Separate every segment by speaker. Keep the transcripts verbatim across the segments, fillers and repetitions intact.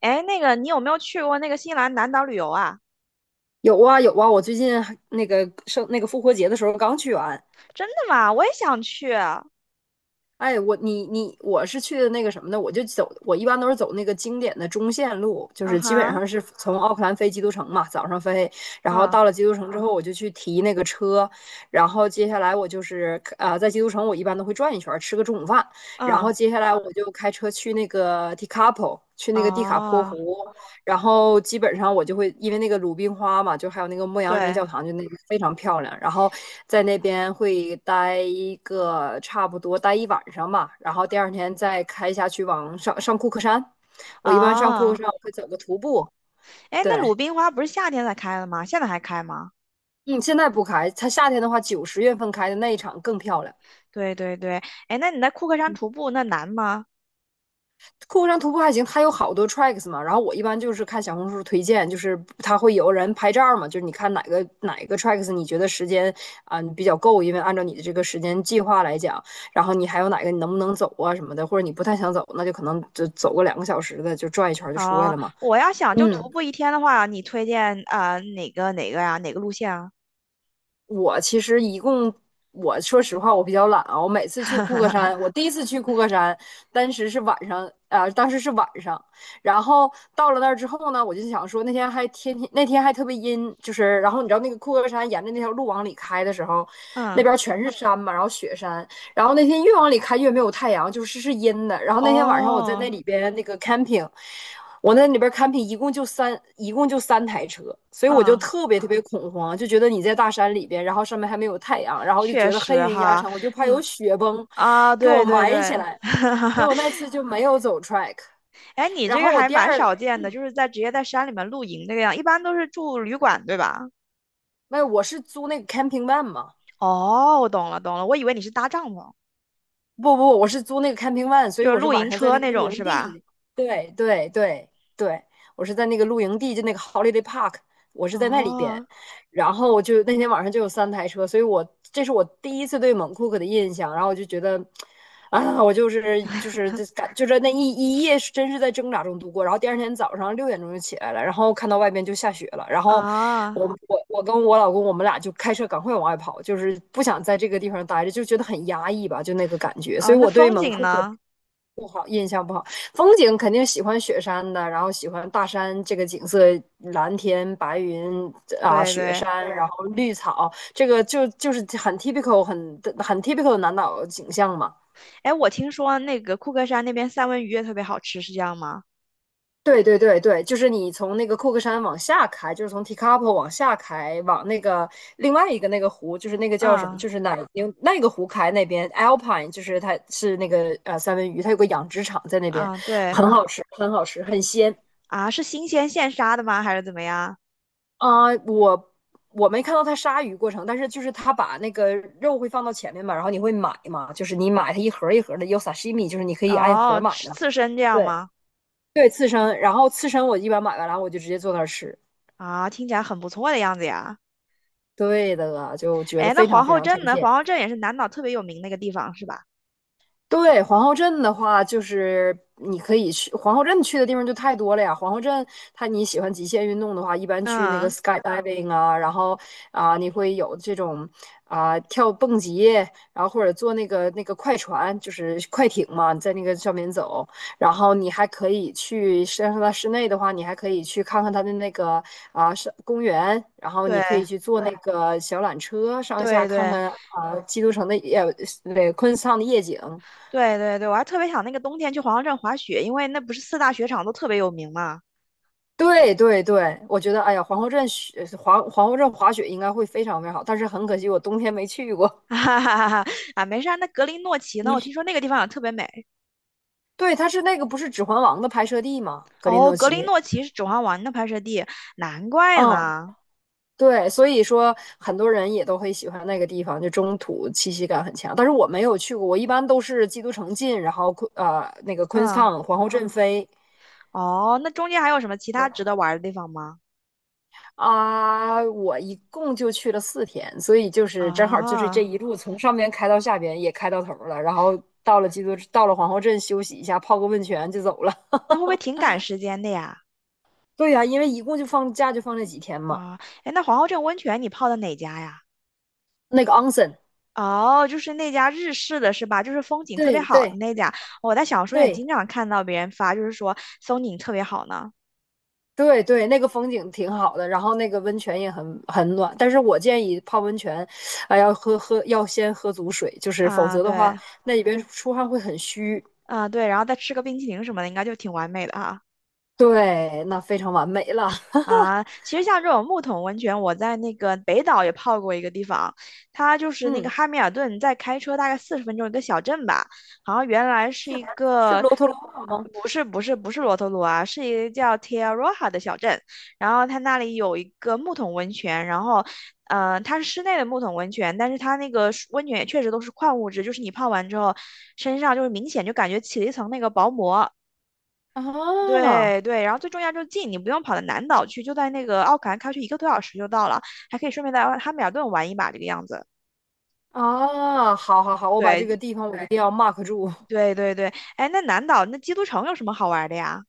Speaker 1: 哎，那个你有没有去过那个新西兰南岛旅游啊？
Speaker 2: 有啊有啊，我最近还那个生那个复活节的时候刚去完。
Speaker 1: 真的吗？我也想去。啊
Speaker 2: 哎，我你你我是去的那个什么呢？我就走，我一般都是走那个经典的中线路，就是基本
Speaker 1: 哈，
Speaker 2: 上是从奥克兰飞基督城嘛，早上飞，然后
Speaker 1: 嗯
Speaker 2: 到了基督城之后，我就去提那个车，然后接下来我就是呃在基督城我一般都会转一圈儿，吃个中午饭，然
Speaker 1: 嗯，
Speaker 2: 后接下来我就开车去那个 t i c a p o 去那个蒂卡坡
Speaker 1: 哦，
Speaker 2: 湖，然后基本上我就会因为那个鲁冰花嘛，就还有那个牧羊人
Speaker 1: 对，
Speaker 2: 教堂，就那个非常漂亮。然后在那边会待一个差不多待一晚上吧，然后第二天再开下去往上上库克山。我一般上库克
Speaker 1: 哦。
Speaker 2: 山我会走个徒步。
Speaker 1: 哎，
Speaker 2: 对，
Speaker 1: 那鲁冰花不是夏天才开的吗？现在还开吗？
Speaker 2: 嗯，现在不开，它夏天的话，九十月份开的那一场更漂亮。
Speaker 1: 对对对。哎，那你在库克山徒步那难吗？
Speaker 2: 客户上徒步还行，它有好多 tracks 嘛。然后我一般就是看小红书推荐，就是它会有人拍照嘛，就是你看哪个哪个 tracks 你觉得时间啊、你比较够，因为按照你的这个时间计划来讲，然后你还有哪个你能不能走啊什么的，或者你不太想走，那就可能就走个两个小时的就转一圈就出来
Speaker 1: 哦，
Speaker 2: 了嘛。
Speaker 1: 我要想就徒
Speaker 2: 嗯，
Speaker 1: 步一天的话，你推荐啊哪个哪个呀？哪个路线啊？
Speaker 2: 我其实一共，我说实话，我比较懒啊。我每次去库克 山，我第一次去库克山，当时是晚上，啊、当时是晚上。然后到了那儿之后呢，我就想说，那天还天天，那天还特别阴，就是，然后你知道那个库克山沿着那条路往里开的时候，那
Speaker 1: 嗯，
Speaker 2: 边全是山嘛，然后雪山。然后那天越往里开越没有太阳，就是是阴的。然后那天晚上我在
Speaker 1: 哦，
Speaker 2: 那里边那个 camping,我在那里边 camping 一共就三，一共就三台车，所以我就
Speaker 1: 嗯，
Speaker 2: 特别特别恐慌，就觉得你在大山里边，然后上面还没有太阳，然后就
Speaker 1: 确
Speaker 2: 觉得黑
Speaker 1: 实
Speaker 2: 云压
Speaker 1: 哈，
Speaker 2: 城，我就怕有
Speaker 1: 嗯
Speaker 2: 雪崩
Speaker 1: 啊，
Speaker 2: 给我
Speaker 1: 对对
Speaker 2: 埋起
Speaker 1: 对。
Speaker 2: 来，所以我那次就没有走 track。
Speaker 1: 哎，你
Speaker 2: 然
Speaker 1: 这个
Speaker 2: 后我
Speaker 1: 还
Speaker 2: 第
Speaker 1: 蛮
Speaker 2: 二，
Speaker 1: 少见的，就是在直接在山里面露营这个样，一般都是住旅馆，对吧？
Speaker 2: 那我是租那个 camping van 嘛，
Speaker 1: 哦，我懂了，懂了，我以为你是搭帐篷。
Speaker 2: 不不，我是租那个 camping van,所以
Speaker 1: 就是
Speaker 2: 我是
Speaker 1: 露
Speaker 2: 晚
Speaker 1: 营
Speaker 2: 上在
Speaker 1: 车
Speaker 2: 那个
Speaker 1: 那
Speaker 2: 露
Speaker 1: 种，
Speaker 2: 营
Speaker 1: 是吧？
Speaker 2: 地。对对对对，我是在那个露营地，就那个 holiday park,我是在那里边。
Speaker 1: 哦，
Speaker 2: 然后就那天晚上就有三台车，所以我这是我第一次对蒙库克的印象。然后我就觉得，啊，我就是就是这感就是那一一夜是真是在挣扎中度过。然后第二天早上六点钟就起来了，然后看到外边就下雪了，然后
Speaker 1: 啊，
Speaker 2: 我我我跟我老公我们俩就开车赶快往外跑，就是不想在这个地方待着，就觉得很压抑吧，就那个感觉。
Speaker 1: 啊，
Speaker 2: 所以
Speaker 1: 那
Speaker 2: 我对
Speaker 1: 风
Speaker 2: 蒙
Speaker 1: 景
Speaker 2: 库克
Speaker 1: 呢？
Speaker 2: 风景肯定喜欢雪山的，然后喜欢大山这个景色，蓝天白云啊，
Speaker 1: 对
Speaker 2: 雪
Speaker 1: 对。
Speaker 2: 山，然后绿草，这个就就是很 typical 很很 typical 的南岛景象嘛。
Speaker 1: 哎，我听说那个库克山那边三文鱼也特别好吃，是这样吗？
Speaker 2: 对对对对，就是你从那个库克山往下开，就是从 Tekapo 往下开，往那个另外一个那个湖，就是那个叫什么，
Speaker 1: 嗯
Speaker 2: 就是奶牛那个湖开那边 Alpine,就是它是那个呃三文鱼，它有个养殖场在那边，
Speaker 1: 嗯，对
Speaker 2: 很好吃，很好吃，很鲜。
Speaker 1: 啊，是新鲜现杀的吗？还是怎么样？
Speaker 2: 啊、我我没看到他杀鱼过程，但是就是他把那个肉会放到前面嘛，然后你会买嘛，就是你买它一盒一盒的，有 sashimi,就是你可以按盒
Speaker 1: 哦，
Speaker 2: 买
Speaker 1: 吃
Speaker 2: 的嘛
Speaker 1: 刺身这
Speaker 2: 对
Speaker 1: 样吗？
Speaker 2: 对，刺身，然后刺身我一般买完了我就直接坐那儿吃。
Speaker 1: 啊，听起来很不错的样子呀。
Speaker 2: 对的，就觉得
Speaker 1: 哎，那
Speaker 2: 非常
Speaker 1: 皇
Speaker 2: 非
Speaker 1: 后
Speaker 2: 常推
Speaker 1: 镇呢？
Speaker 2: 荐。
Speaker 1: 皇后镇也是南岛特别有名那个地方，是吧？
Speaker 2: 对，皇后镇的话，就是你可以去皇后镇去的地方就太多了呀。皇后镇，它你喜欢极限运动的话，一般去那个
Speaker 1: 嗯，
Speaker 2: skydiving 啊，然后啊、你会有这种啊、跳蹦极，然后或者坐那个那个快船，就是快艇嘛，在那个上面走。然后你还可以去，实际上它室内的话，你还可以去看看它的那个啊、是公园，然后你可以
Speaker 1: 对
Speaker 2: 去坐那个小缆车上下
Speaker 1: 对
Speaker 2: 看
Speaker 1: 对
Speaker 2: 看啊、基督城的夜，对，昆士兰的夜景。
Speaker 1: 对对对，我还特别想那个冬天去皇后镇滑雪，因为那不是四大雪场都特别有名嘛。
Speaker 2: 对对对，我觉得，哎呀，皇后镇雪皇皇后镇滑雪应该会非常非常好，但是很可惜我冬天没去过。
Speaker 1: 哈哈哈哈啊，没事儿。那格林诺奇呢？我听说那个地方也特别美。
Speaker 2: 对，它是那个不是《指环王》的拍摄地吗？格林
Speaker 1: 哦，
Speaker 2: 诺
Speaker 1: 格林
Speaker 2: 奇。
Speaker 1: 诺奇是《指环王》的拍摄地，难怪
Speaker 2: 嗯，
Speaker 1: 呢。
Speaker 2: 对，所以说很多人也都会喜欢那个地方，就中土气息感很强。但是我没有去过，我一般都是基督城进，然后昆呃那个
Speaker 1: 嗯，
Speaker 2: Queenstown 皇后镇飞。
Speaker 1: 哦，那中间还有什么其他
Speaker 2: 对。
Speaker 1: 值得玩儿的地方吗？
Speaker 2: 啊，我一共就去了四天，所以就是正好就是这
Speaker 1: 啊，
Speaker 2: 一路从上边开到下边，也开到头了，然后到了基督，到了皇后镇休息一下，泡个温泉就走了。
Speaker 1: 那会不会挺赶时间的呀？
Speaker 2: 对呀，因为一共就放假就放这几天嘛。
Speaker 1: 啊，哎，那皇后镇温泉你泡的哪家呀？
Speaker 2: 那个 onsen,
Speaker 1: 哦，就是那家日式的是吧？就是风景特别
Speaker 2: 对
Speaker 1: 好
Speaker 2: 对
Speaker 1: 的那家，我在小说也
Speaker 2: 对
Speaker 1: 经常看到别人发，就是说风景特别好呢。
Speaker 2: 对对，那个风景挺好的，然后那个温泉也很很暖。但是我建议泡温泉，啊、要喝喝要先喝足水，就是否
Speaker 1: 啊，
Speaker 2: 则的话，
Speaker 1: 对，
Speaker 2: 那里边出汗会很虚。
Speaker 1: 啊对，然后再吃个冰淇淋什么的，应该就挺完美的哈。
Speaker 2: 对，那非常完美了。
Speaker 1: 啊，其实像这种木桶温泉，我在那个北岛也泡过一个地方，它就是那个
Speaker 2: 嗯。
Speaker 1: 汉密尔顿，在开车大概四十分钟一个小镇吧。好像原来是
Speaker 2: 是
Speaker 1: 一
Speaker 2: 是
Speaker 1: 个，
Speaker 2: 罗特罗瓦吗？
Speaker 1: 不是不是不是罗托鲁啊，是一个叫 t e r r a Roja 的小镇，然后它那里有一个木桶温泉，然后，呃，它是室内的木桶温泉，但是它那个水温泉也确实都是矿物质，就是你泡完之后，身上就是明显就感觉起了一层那个薄膜。
Speaker 2: 啊
Speaker 1: 对对，然后最重要就是近，你不用跑到南岛去，就在那个奥克兰开去一个多小时就到了，还可以顺便在汉密尔顿玩一把这个样子。
Speaker 2: 啊，好好好，我把这
Speaker 1: 对
Speaker 2: 个地方我一定要 mark 住。
Speaker 1: 对对对。哎，那南岛那基督城有什么好玩的呀？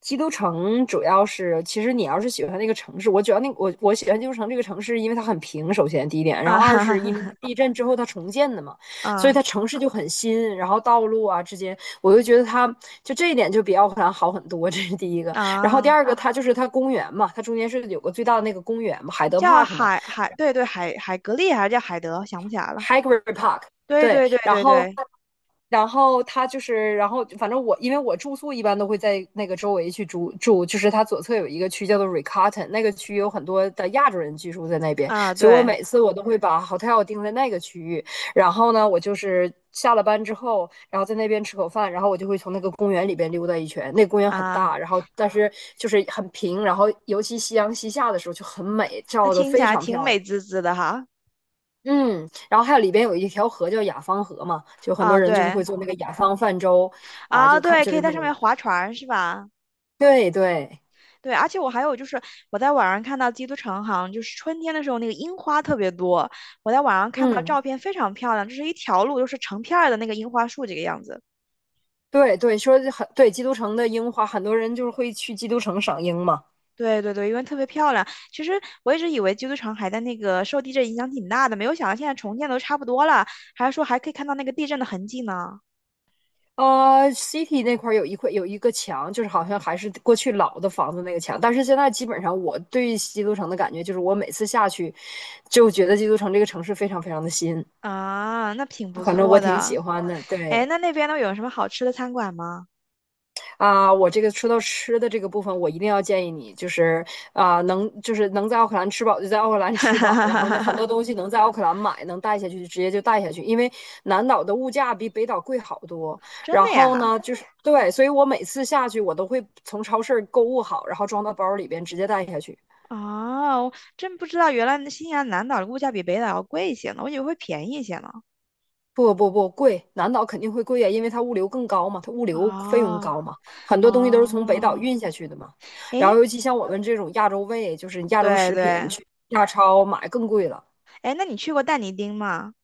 Speaker 2: 基督城主要是，其实你要是喜欢那个城市，我主要那我我喜欢基督城这个城市，因为它很平，首先第一 点，然
Speaker 1: 啊
Speaker 2: 后二
Speaker 1: 哈哈
Speaker 2: 是因为它
Speaker 1: 哈，
Speaker 2: 地震之后它重建的嘛，所以
Speaker 1: 啊
Speaker 2: 它城市就很新，然后道路啊之间，我就觉得它就这一点就比奥克兰好很多，这是第一个。然后
Speaker 1: 啊，
Speaker 2: 第二个，它就是它公园嘛，它中间是有个最大的那个公园嘛，海德
Speaker 1: 叫
Speaker 2: Park 嘛。
Speaker 1: 海海，对对海海格力还是叫海德，想不起来了。
Speaker 2: Hagrid Park,
Speaker 1: 对
Speaker 2: 对，
Speaker 1: 对对
Speaker 2: 然
Speaker 1: 对
Speaker 2: 后，
Speaker 1: 对，
Speaker 2: 然后他就是，然后反正我因为我住宿一般都会在那个周围去住住，就是它左侧有一个区叫做 Riccarton,那个区有很多的亚洲人居住在那边，
Speaker 1: 啊
Speaker 2: 所以我
Speaker 1: 对
Speaker 2: 每次我都会把 hotel 定在那个区域，然后呢，我就是下了班之后，然后在那边吃口饭，然后我就会从那个公园里边溜达一圈，那个公园很
Speaker 1: 啊，
Speaker 2: 大，然后但是就是很平，然后尤其夕阳西下的时候就很美，
Speaker 1: 那
Speaker 2: 照的
Speaker 1: 听起
Speaker 2: 非
Speaker 1: 来
Speaker 2: 常
Speaker 1: 挺
Speaker 2: 漂
Speaker 1: 美
Speaker 2: 亮。
Speaker 1: 滋滋的哈。
Speaker 2: 嗯，然后还有里边有一条河叫雅芳河嘛，就很多
Speaker 1: 啊
Speaker 2: 人就是会
Speaker 1: 对，
Speaker 2: 做那个雅芳泛舟啊，
Speaker 1: 啊
Speaker 2: 就看
Speaker 1: 对，
Speaker 2: 就
Speaker 1: 可以
Speaker 2: 是那
Speaker 1: 在上
Speaker 2: 种，
Speaker 1: 面划船是吧？
Speaker 2: 对对，
Speaker 1: 对，而且我还有就是，我在网上看到基督城好像就是春天的时候，那个樱花特别多。我在网上看到
Speaker 2: 嗯，
Speaker 1: 照片非常漂亮，就是一条路，就是成片儿的那个樱花树这个样子。
Speaker 2: 对对，说很对基督城的樱花，很多人就是会去基督城赏樱嘛。
Speaker 1: 对对对，因为特别漂亮。其实我一直以为基督城还在那个受地震影响挺大的，没有想到现在重建都差不多了，还是说还可以看到那个地震的痕迹呢。
Speaker 2: 呃，City 那块儿有一块有一个墙，就是好像还是过去老的房子那个墙，但是现在基本上我对基督城的感觉就是，我每次下去就觉得基督城这个城市非常非常的新，
Speaker 1: 啊，那挺不
Speaker 2: 反正我
Speaker 1: 错
Speaker 2: 挺喜
Speaker 1: 的。
Speaker 2: 欢的，
Speaker 1: 哎，
Speaker 2: 对。
Speaker 1: 那那边都有什么好吃的餐馆吗？
Speaker 2: 啊、我这个说到吃的这个部分，我一定要建议你，就是啊、能就是能在奥克兰吃饱就在奥克兰吃饱，然后呢，很 多东西能在奥克兰买，能带下去就直接就带下去，因为南岛的物价比北岛贵好多。
Speaker 1: 真
Speaker 2: 然
Speaker 1: 的
Speaker 2: 后
Speaker 1: 呀？
Speaker 2: 呢，就是对，所以我每次下去，我都会从超市购物好，然后装到包里边直接带下去。
Speaker 1: 哦，真不知道原来那新西兰南岛的物价比北岛要贵一些呢，我以为会便宜一些呢。
Speaker 2: 不不不贵，南岛肯定会贵呀，因为它物流更高嘛，它物流费用
Speaker 1: 哦
Speaker 2: 高嘛，很多东西都是从北岛
Speaker 1: 哦，
Speaker 2: 运下去的嘛。然后
Speaker 1: 诶，
Speaker 2: 尤其像我们这种亚洲胃，就是亚洲
Speaker 1: 对
Speaker 2: 食品，
Speaker 1: 对，
Speaker 2: 去亚超买更贵了。
Speaker 1: 诶，那你去过但尼丁吗？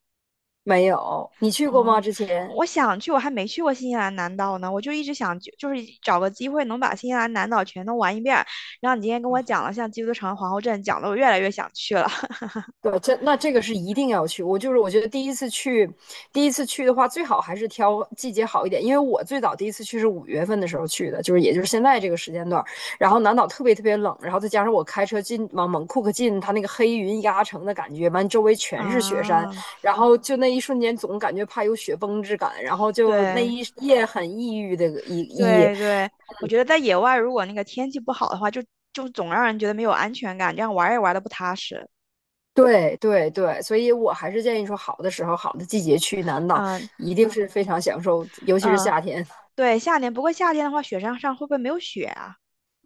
Speaker 2: 没有，你去过吗？
Speaker 1: 哦，
Speaker 2: 之前？
Speaker 1: 我想去，我还没去过新西兰南岛呢，我就一直想就就是找个机会能把新西兰南岛全都玩一遍儿，然后你今天跟我讲了像基督城、皇后镇，讲的我越来越想去了。
Speaker 2: 对，这那这个是一定要去。我就是我觉得第一次去，第一次去的话，最好还是挑季节好一点。因为我最早第一次去是五月份的时候去的，就是也就是现在这个时间段然后南岛特别特别冷，然后再加上我开车进往猛库克进，它那个黑云压城的感觉，完周围 全是雪山，
Speaker 1: 啊，
Speaker 2: 然后就那一瞬间总感觉怕有雪崩之感，然后就那
Speaker 1: 对。
Speaker 2: 一夜很抑郁的一一
Speaker 1: 对对，我觉得在野外，如果那个天气不好的话，就就总让人觉得没有安全感，这样玩儿也玩的不踏实。
Speaker 2: 对对对，所以我还是建议说，好的时候、好的季节去南岛，
Speaker 1: 嗯
Speaker 2: 一定是非常享受，尤其是
Speaker 1: 嗯，
Speaker 2: 夏天，
Speaker 1: 对，夏天。不过夏天的话，雪山上会不会没有雪啊？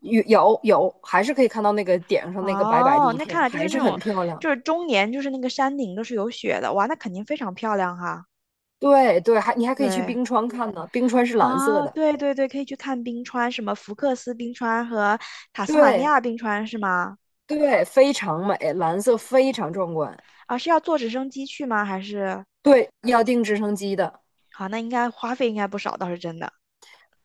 Speaker 2: 有有有，还是可以看到那个顶上那个白白的
Speaker 1: 哦，
Speaker 2: 一
Speaker 1: 那看
Speaker 2: 片，
Speaker 1: 来就
Speaker 2: 还
Speaker 1: 是那
Speaker 2: 是很
Speaker 1: 种，
Speaker 2: 漂亮。
Speaker 1: 就是终年就是那个山顶都是有雪的，哇，那肯定非常漂亮哈。
Speaker 2: 对对，还你还可以去
Speaker 1: 对，
Speaker 2: 冰川看呢，冰川是蓝色
Speaker 1: 啊，
Speaker 2: 的，
Speaker 1: 对对对，可以去看冰川，什么福克斯冰川和塔斯马尼
Speaker 2: 对
Speaker 1: 亚冰川是吗？
Speaker 2: 对，非常美，蓝色非常壮观。
Speaker 1: 啊，是要坐直升机去吗？还是？
Speaker 2: 对，要订直升机的，
Speaker 1: 好，那应该花费应该不少，倒是真的。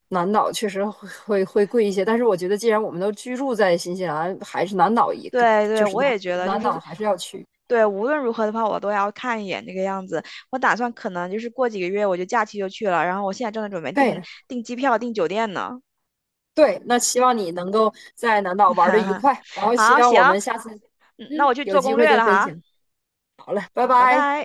Speaker 2: 南岛确实会会会贵一些，但是我觉得既然我们都居住在新西兰，还是南岛一个，
Speaker 1: 对对，
Speaker 2: 就是
Speaker 1: 我
Speaker 2: 南
Speaker 1: 也觉得就
Speaker 2: 南
Speaker 1: 是，
Speaker 2: 岛还是要去。
Speaker 1: 对，无论如何的话，我都要看一眼那个样子。我打算可能就是过几个月我就假期就去了，然后我现在正在准备订
Speaker 2: 对，
Speaker 1: 订机票、订酒店呢。
Speaker 2: 对，那希望你能够在南岛玩的愉 快，然后希
Speaker 1: 好，
Speaker 2: 望
Speaker 1: 行，
Speaker 2: 我们下次
Speaker 1: 嗯那
Speaker 2: 嗯，
Speaker 1: 我去
Speaker 2: 有
Speaker 1: 做
Speaker 2: 机
Speaker 1: 攻
Speaker 2: 会
Speaker 1: 略
Speaker 2: 再
Speaker 1: 了
Speaker 2: 分
Speaker 1: 哈。
Speaker 2: 享。好了，拜
Speaker 1: 好，拜
Speaker 2: 拜。
Speaker 1: 拜。